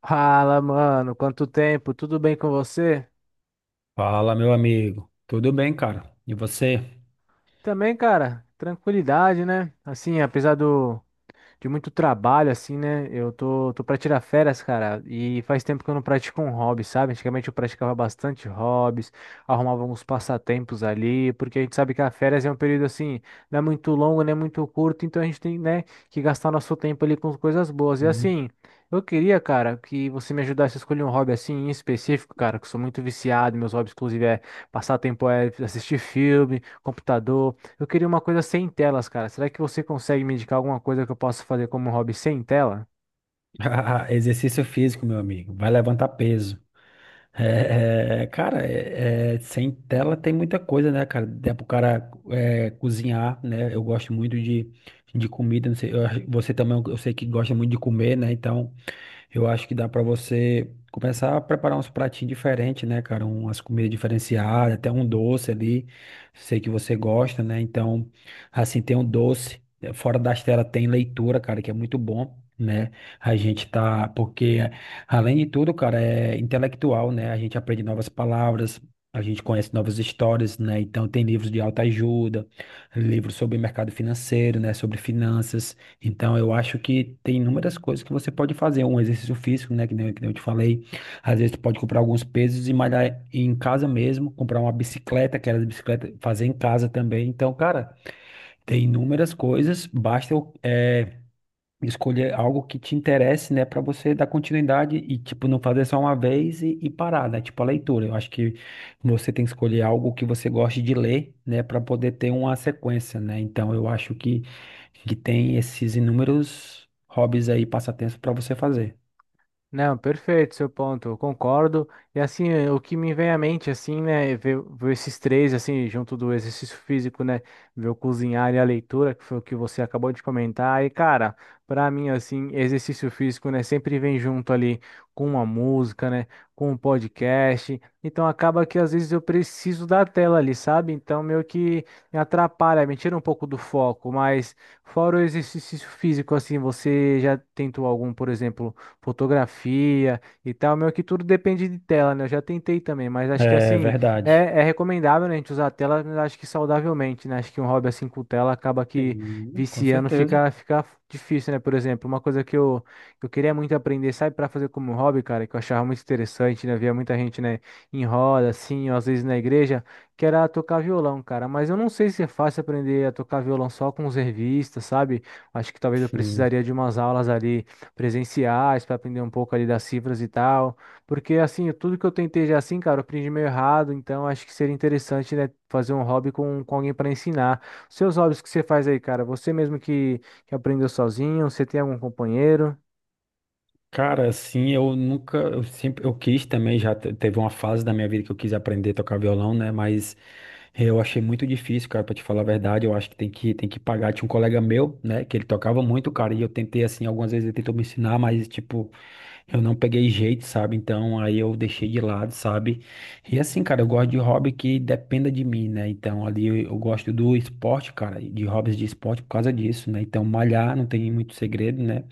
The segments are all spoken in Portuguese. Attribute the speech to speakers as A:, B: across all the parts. A: Fala, mano, quanto tempo? Tudo bem com você?
B: Fala, meu amigo. Tudo bem, cara? E você?
A: Também, cara, tranquilidade, né? Assim, apesar do, de muito trabalho, assim, né? Eu tô pra tirar férias, cara, e faz tempo que eu não pratico um hobby, sabe? Antigamente eu praticava bastante hobbies, arrumava uns passatempos ali, porque a gente sabe que a férias é um período assim, não é muito longo, nem muito curto, então a gente tem, né, que gastar nosso tempo ali com coisas boas. E
B: Hum.
A: assim, eu queria, cara, que você me ajudasse a escolher um hobby assim em específico, cara, que eu sou muito viciado, meus hobbies, inclusive, é passar tempo é assistir filme, computador. Eu queria uma coisa sem telas, cara. Será que você consegue me indicar alguma coisa que eu possa fazer como hobby sem tela?
B: Ah, exercício físico, meu amigo. Vai levantar peso. Cara, sem tela tem muita coisa, né, cara? Dá pro cara é, cozinhar, né? Eu gosto muito de comida. Não sei, você também, eu sei que gosta muito de comer, né? Então, eu acho que dá para você começar a preparar uns pratinhos diferentes, né, cara? Umas comidas diferenciadas, até um doce ali. Sei que você gosta, né? Então, assim, tem um doce. Fora das telas tem leitura, cara, que é muito bom, né? A gente tá. Porque, além de tudo, cara, é intelectual, né? A gente aprende novas palavras. A gente conhece novas histórias, né? Então, tem livros de autoajuda, livros sobre mercado financeiro, né? Sobre finanças. Então, eu acho que tem inúmeras coisas que você pode fazer. Um exercício físico, né? Que nem eu te falei. Às vezes, tu pode comprar alguns pesos e malhar em casa mesmo. Comprar uma bicicleta, aquelas bicicletas, fazer em casa também. Então, cara, tem inúmeras coisas. Basta eu escolher algo que te interesse, né, para você dar continuidade e, tipo, não fazer só uma vez e parar, né? Tipo, a leitura. Eu acho que você tem que escolher algo que você goste de ler, né, para poder ter uma sequência, né? Então, eu acho que tem esses inúmeros hobbies aí, passatempos para você fazer.
A: Não, perfeito, seu ponto, eu concordo. E assim, o que me vem à mente, assim, né, ver esses três, assim, junto do exercício físico, né, ver o cozinhar e a leitura, que foi o que você acabou de comentar. E, cara, pra mim, assim, exercício físico, né, sempre vem junto ali com uma música, né, com um podcast. Então, acaba que às vezes eu preciso da tela ali, sabe? Então, meio que me atrapalha, me tira um pouco do foco. Mas, fora o exercício físico, assim, você já tentou algum, por exemplo, fotografia e tal. Meio que tudo depende de tela, né? Eu já tentei também, mas acho que
B: É
A: assim,
B: verdade.
A: é recomendável, né, a gente usar a tela, mas acho que saudavelmente, né? Acho que um hobby assim com tela acaba que
B: Sim, com
A: viciando
B: certeza.
A: fica, fica difícil, né? Por exemplo, uma coisa que eu queria muito aprender, sabe, para fazer como hobby, cara, que eu achava muito interessante, né? Via muita gente, né, em roda, assim, ou às vezes na igreja, que era tocar violão, cara. Mas eu não sei se é fácil aprender a tocar violão só com os revistas, sabe? Acho que talvez eu
B: Sim.
A: precisaria de umas aulas ali presenciais para aprender um pouco ali das cifras e tal. Porque assim, tudo que eu tentei já assim, cara, eu aprendi meio errado, então acho que seria interessante, né, fazer um hobby com alguém para ensinar. Seus hobbies que você faz aí, cara, você mesmo que aprendeu sozinho, você tem algum companheiro?
B: Cara, assim, eu nunca, eu sempre, eu quis também, teve uma fase da minha vida que eu quis aprender a tocar violão, né? Mas eu achei muito difícil, cara, pra te falar a verdade, eu acho que tem que pagar. Tinha um colega meu, né, que ele tocava muito, cara, e eu tentei, assim, algumas vezes ele tentou me ensinar, mas, tipo, eu não peguei jeito, sabe? Então, aí eu deixei de lado, sabe? E assim, cara, eu gosto de hobby que dependa de mim, né? Então, ali eu gosto do esporte, cara, de hobbies de esporte por causa disso, né? Então, malhar não tem muito segredo, né?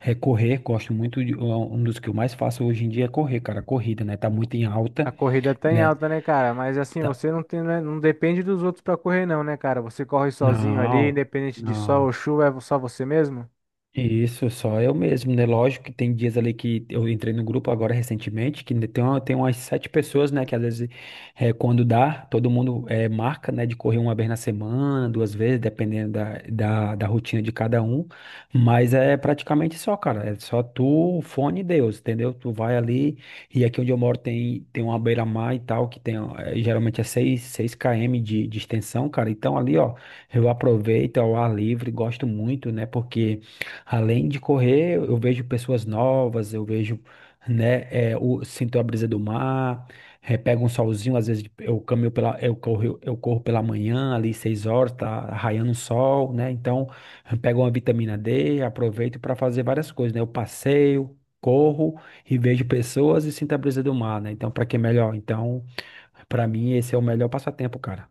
B: É correr, gosto muito de, é um dos que eu mais faço hoje em dia é correr, cara, corrida, né? Tá muito em
A: A
B: alta,
A: corrida tá em
B: né?
A: alta, né, cara? Mas assim,
B: Tá-
A: você não tem, né, não depende dos outros para correr não, né, cara? Você corre sozinho ali,
B: Não,
A: independente de sol ou
B: não.
A: chuva, é só você mesmo?
B: Isso, só eu mesmo, né? Lógico que tem dias ali que eu entrei no grupo agora recentemente, que tem, tem umas sete pessoas, né? Que às vezes, quando dá, todo mundo marca, né? De correr uma vez na semana, duas vezes, dependendo da rotina de cada um. Mas é praticamente só, cara. É só tu, o fone e Deus, entendeu? Tu vai ali, e aqui onde eu moro tem, tem uma beira-mar e tal, que tem, eh, geralmente é seis km de extensão, cara. Então ali, ó, eu aproveito ao ar livre, gosto muito, né? Porque. Além de correr, eu vejo pessoas novas, eu vejo, né, sinto a brisa do mar, é, pego um solzinho, às vezes eu caminho pela, eu corro pela manhã, ali 6 horas, tá raiando o sol, né, então eu pego uma vitamina D, aproveito para fazer várias coisas, né, eu passeio, corro e vejo pessoas e sinto a brisa do mar, né, então para que melhor? Então, para mim esse é o melhor passatempo, cara.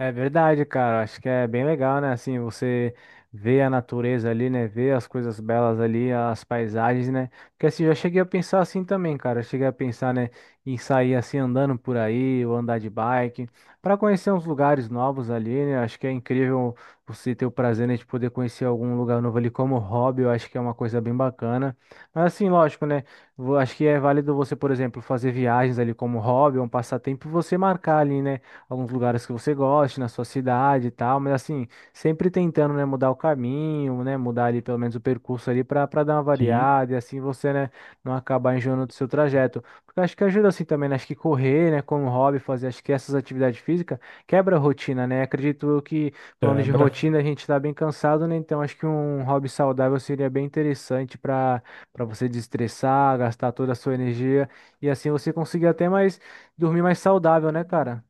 A: É verdade, cara. Acho que é bem legal, né? Assim, você vê a natureza ali, né? Vê as coisas belas ali, as paisagens, né? Porque assim, eu já cheguei a pensar assim também, cara. Eu cheguei a pensar, né, em sair assim andando por aí, ou andar de bike, para conhecer uns lugares novos ali, né? Acho que é incrível você ter o prazer, né, de poder conhecer algum lugar novo ali como hobby. Eu acho que é uma coisa bem bacana. Mas assim, lógico, né? Acho que é válido você, por exemplo, fazer viagens ali como hobby, um passatempo, e você marcar ali, né? Alguns lugares que você goste na sua cidade e tal, mas assim, sempre tentando, né, mudar o caminho, né, mudar ali pelo menos o percurso ali para dar uma
B: Sim,
A: variada e assim você, né, não acabar enjoando do seu trajeto. Porque eu acho que ajuda assim também, né, acho que correr, né, como hobby, fazer acho que essas atividades físicas quebra a rotina, né? Acredito eu que falando de
B: quebra.
A: rotina, a gente tá bem cansado, né? Então acho que um hobby saudável seria bem interessante para você desestressar, gastar toda a sua energia e assim você conseguir até mais dormir mais saudável, né, cara?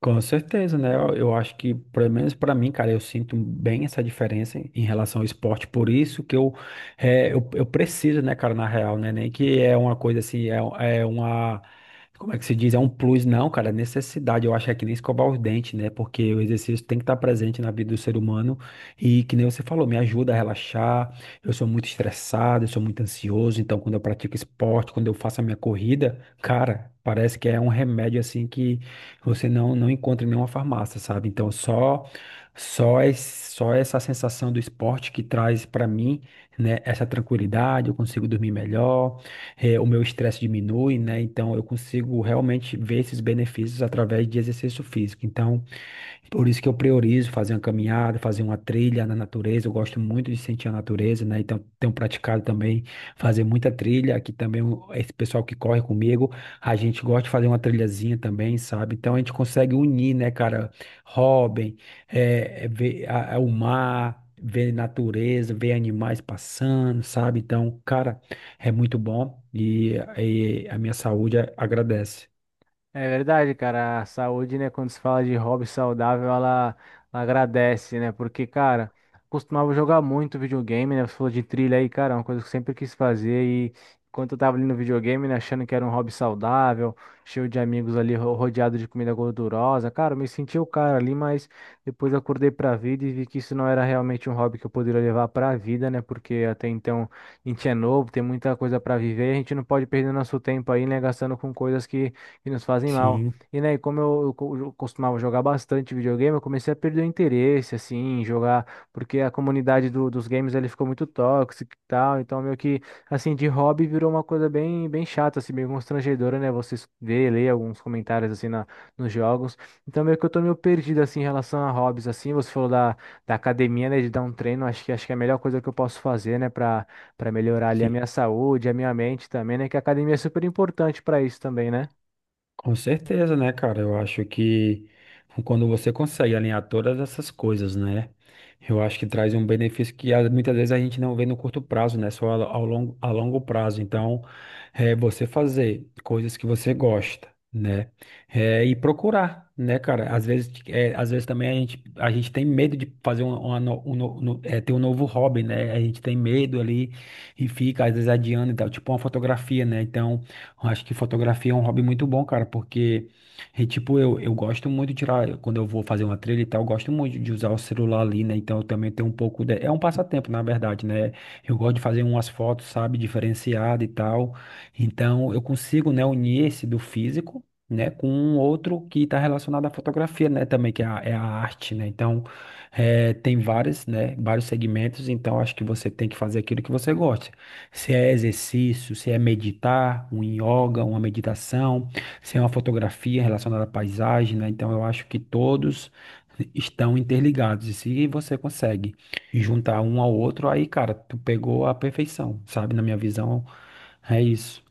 B: Com certeza, né? Eu acho que, pelo menos para mim, cara, eu sinto bem essa diferença em, em relação ao esporte. Por isso que eu, é, eu preciso, né, cara, na real, né? Nem que é uma coisa assim, é, é uma. Como é que se diz? É um plus, não, cara, é necessidade. Eu acho que é que nem escovar os dentes, né? Porque o exercício tem que estar presente na vida do ser humano. E que nem você falou, me ajuda a relaxar. Eu sou muito estressado, eu sou muito ansioso. Então, quando eu pratico esporte, quando eu faço a minha corrida, cara, parece que é um remédio assim que você não, não encontra em nenhuma farmácia, sabe? Então, só esse, só essa sensação do esporte que traz para mim, né, essa tranquilidade, eu consigo dormir melhor, eh, o meu estresse diminui, né? Então, eu consigo realmente ver esses benefícios através de exercício físico. Então, por isso que eu priorizo fazer uma caminhada, fazer uma trilha na natureza. Eu gosto muito de sentir a natureza, né? Então, tenho praticado também fazer muita trilha. Aqui também, esse pessoal que corre comigo, a gente gosta de fazer uma trilhazinha também, sabe? Então, a gente consegue unir, né, cara? Robin, é, é ver o mar, ver natureza, ver animais passando, sabe? Então, cara, é muito bom e a minha saúde agradece.
A: É verdade, cara. A saúde, né? Quando se fala de hobby saudável, ela agradece, né? Porque, cara, costumava jogar muito videogame, né? Você falou de trilha aí, cara, é uma coisa que eu sempre quis fazer. E enquanto eu tava ali no videogame, né, achando que era um hobby saudável, cheio de amigos ali, rodeado de comida gordurosa, cara, eu me senti o cara ali, mas depois acordei pra vida e vi que isso não era realmente um hobby que eu poderia levar pra vida, né? Porque até então a gente é novo, tem muita coisa pra viver, e a gente não pode perder nosso tempo aí, né? Gastando com coisas que nos fazem mal.
B: Sim,
A: E, né, como eu, eu costumava jogar bastante videogame, eu comecei a perder o interesse, assim, em jogar, porque a comunidade dos games, ele ficou muito tóxica e tal, então meio que, assim, de hobby virou uma coisa bem, bem chata, assim, meio constrangedora, né, você ver, ler alguns comentários, assim, na, nos jogos. Então meio que eu tô meio perdido, assim, em relação a hobbies, assim, você falou da, da academia, né, de dar um treino, acho que é a melhor coisa que eu posso fazer, né, pra, pra melhorar ali a
B: sim.
A: minha saúde, a minha mente também, né, que a academia é super importante pra isso também, né?
B: Com certeza, né, cara? Eu acho que quando você consegue alinhar todas essas coisas, né? Eu acho que traz um benefício que ah, muitas vezes a gente não vê no curto prazo, né? Só ao longo, a longo prazo. Então, é você fazer coisas que você gosta, né? É, e procurar, né, cara? Às vezes, é, às vezes também a gente tem medo de fazer um, uma no- um, no- no- é, ter um novo hobby, né? A gente tem medo ali e fica, às vezes, adiando e tal, tipo uma fotografia, né? Então. Eu acho que fotografia é um hobby muito bom, cara, porque, e, tipo, eu gosto muito de tirar, quando eu vou fazer uma trilha e tal, eu gosto muito de usar o celular ali, né? Então eu também tenho um pouco de... É um passatempo, na verdade, né? Eu gosto de fazer umas fotos, sabe, diferenciada e tal. Então eu consigo, né, unir esse do físico. Né, com um outro que está relacionado à fotografia, né, também, que é a arte, né, então, é, tem vários, né, vários segmentos, então acho que você tem que fazer aquilo que você gosta. Se é exercício, se é meditar, um yoga, uma meditação, se é uma fotografia relacionada à paisagem, né? Então eu acho que todos estão interligados. E se você consegue juntar um ao outro, aí, cara, tu pegou a perfeição, sabe? Na minha visão, é isso.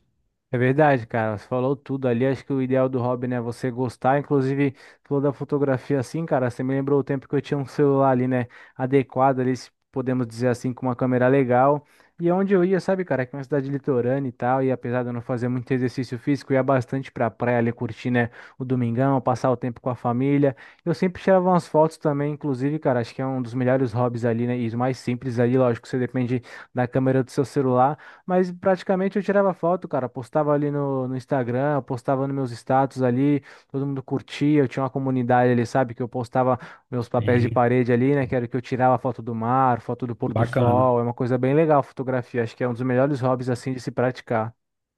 A: É verdade, cara. Você falou tudo ali. Acho que o ideal do hobby, né, é você gostar. Inclusive, falou da fotografia assim, cara. Você me lembrou o tempo que eu tinha um celular ali, né, adequado ali, se podemos dizer assim, com uma câmera legal. E é onde eu ia, sabe, cara, que é uma cidade litorânea e tal. E apesar de eu não fazer muito exercício físico, eu ia bastante pra praia ali curtir, né, o domingão, passar o tempo com a família. Eu sempre tirava umas fotos também, inclusive, cara. Acho que é um dos melhores hobbies ali, né, e os mais simples ali. Lógico, você depende da câmera do seu celular. Mas praticamente eu tirava foto, cara. Postava ali no Instagram, postava nos meus status ali, todo mundo curtia. Eu tinha uma comunidade ali, sabe? Que eu postava meus papéis de
B: É
A: parede ali, né? Que era que eu tirava foto do mar, foto do pôr do
B: bacana.
A: sol. É uma coisa bem legal a fotografia. Acho que é um dos melhores hobbies, assim, de se praticar.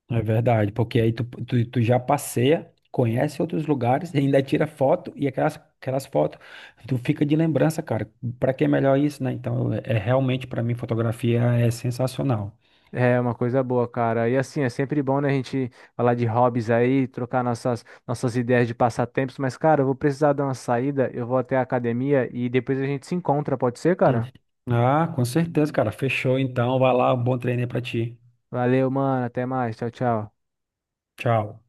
B: É verdade, porque aí tu já passeia, conhece outros lugares, e ainda tira foto e aquelas fotos tu fica de lembrança, cara. Pra que é melhor isso, né? Então, é, é realmente pra mim fotografia é sensacional.
A: É uma coisa boa, cara. E assim, é sempre bom, né, a gente falar de hobbies aí, trocar nossas, nossas ideias de passatempos. Mas, cara, eu vou precisar dar uma saída. Eu vou até a academia e depois a gente se encontra, pode ser,
B: Hum.
A: cara?
B: Ah, com certeza, cara. Fechou então. Vai lá, um bom treino aí pra ti.
A: Valeu, mano. Até mais. Tchau, tchau.
B: Tchau.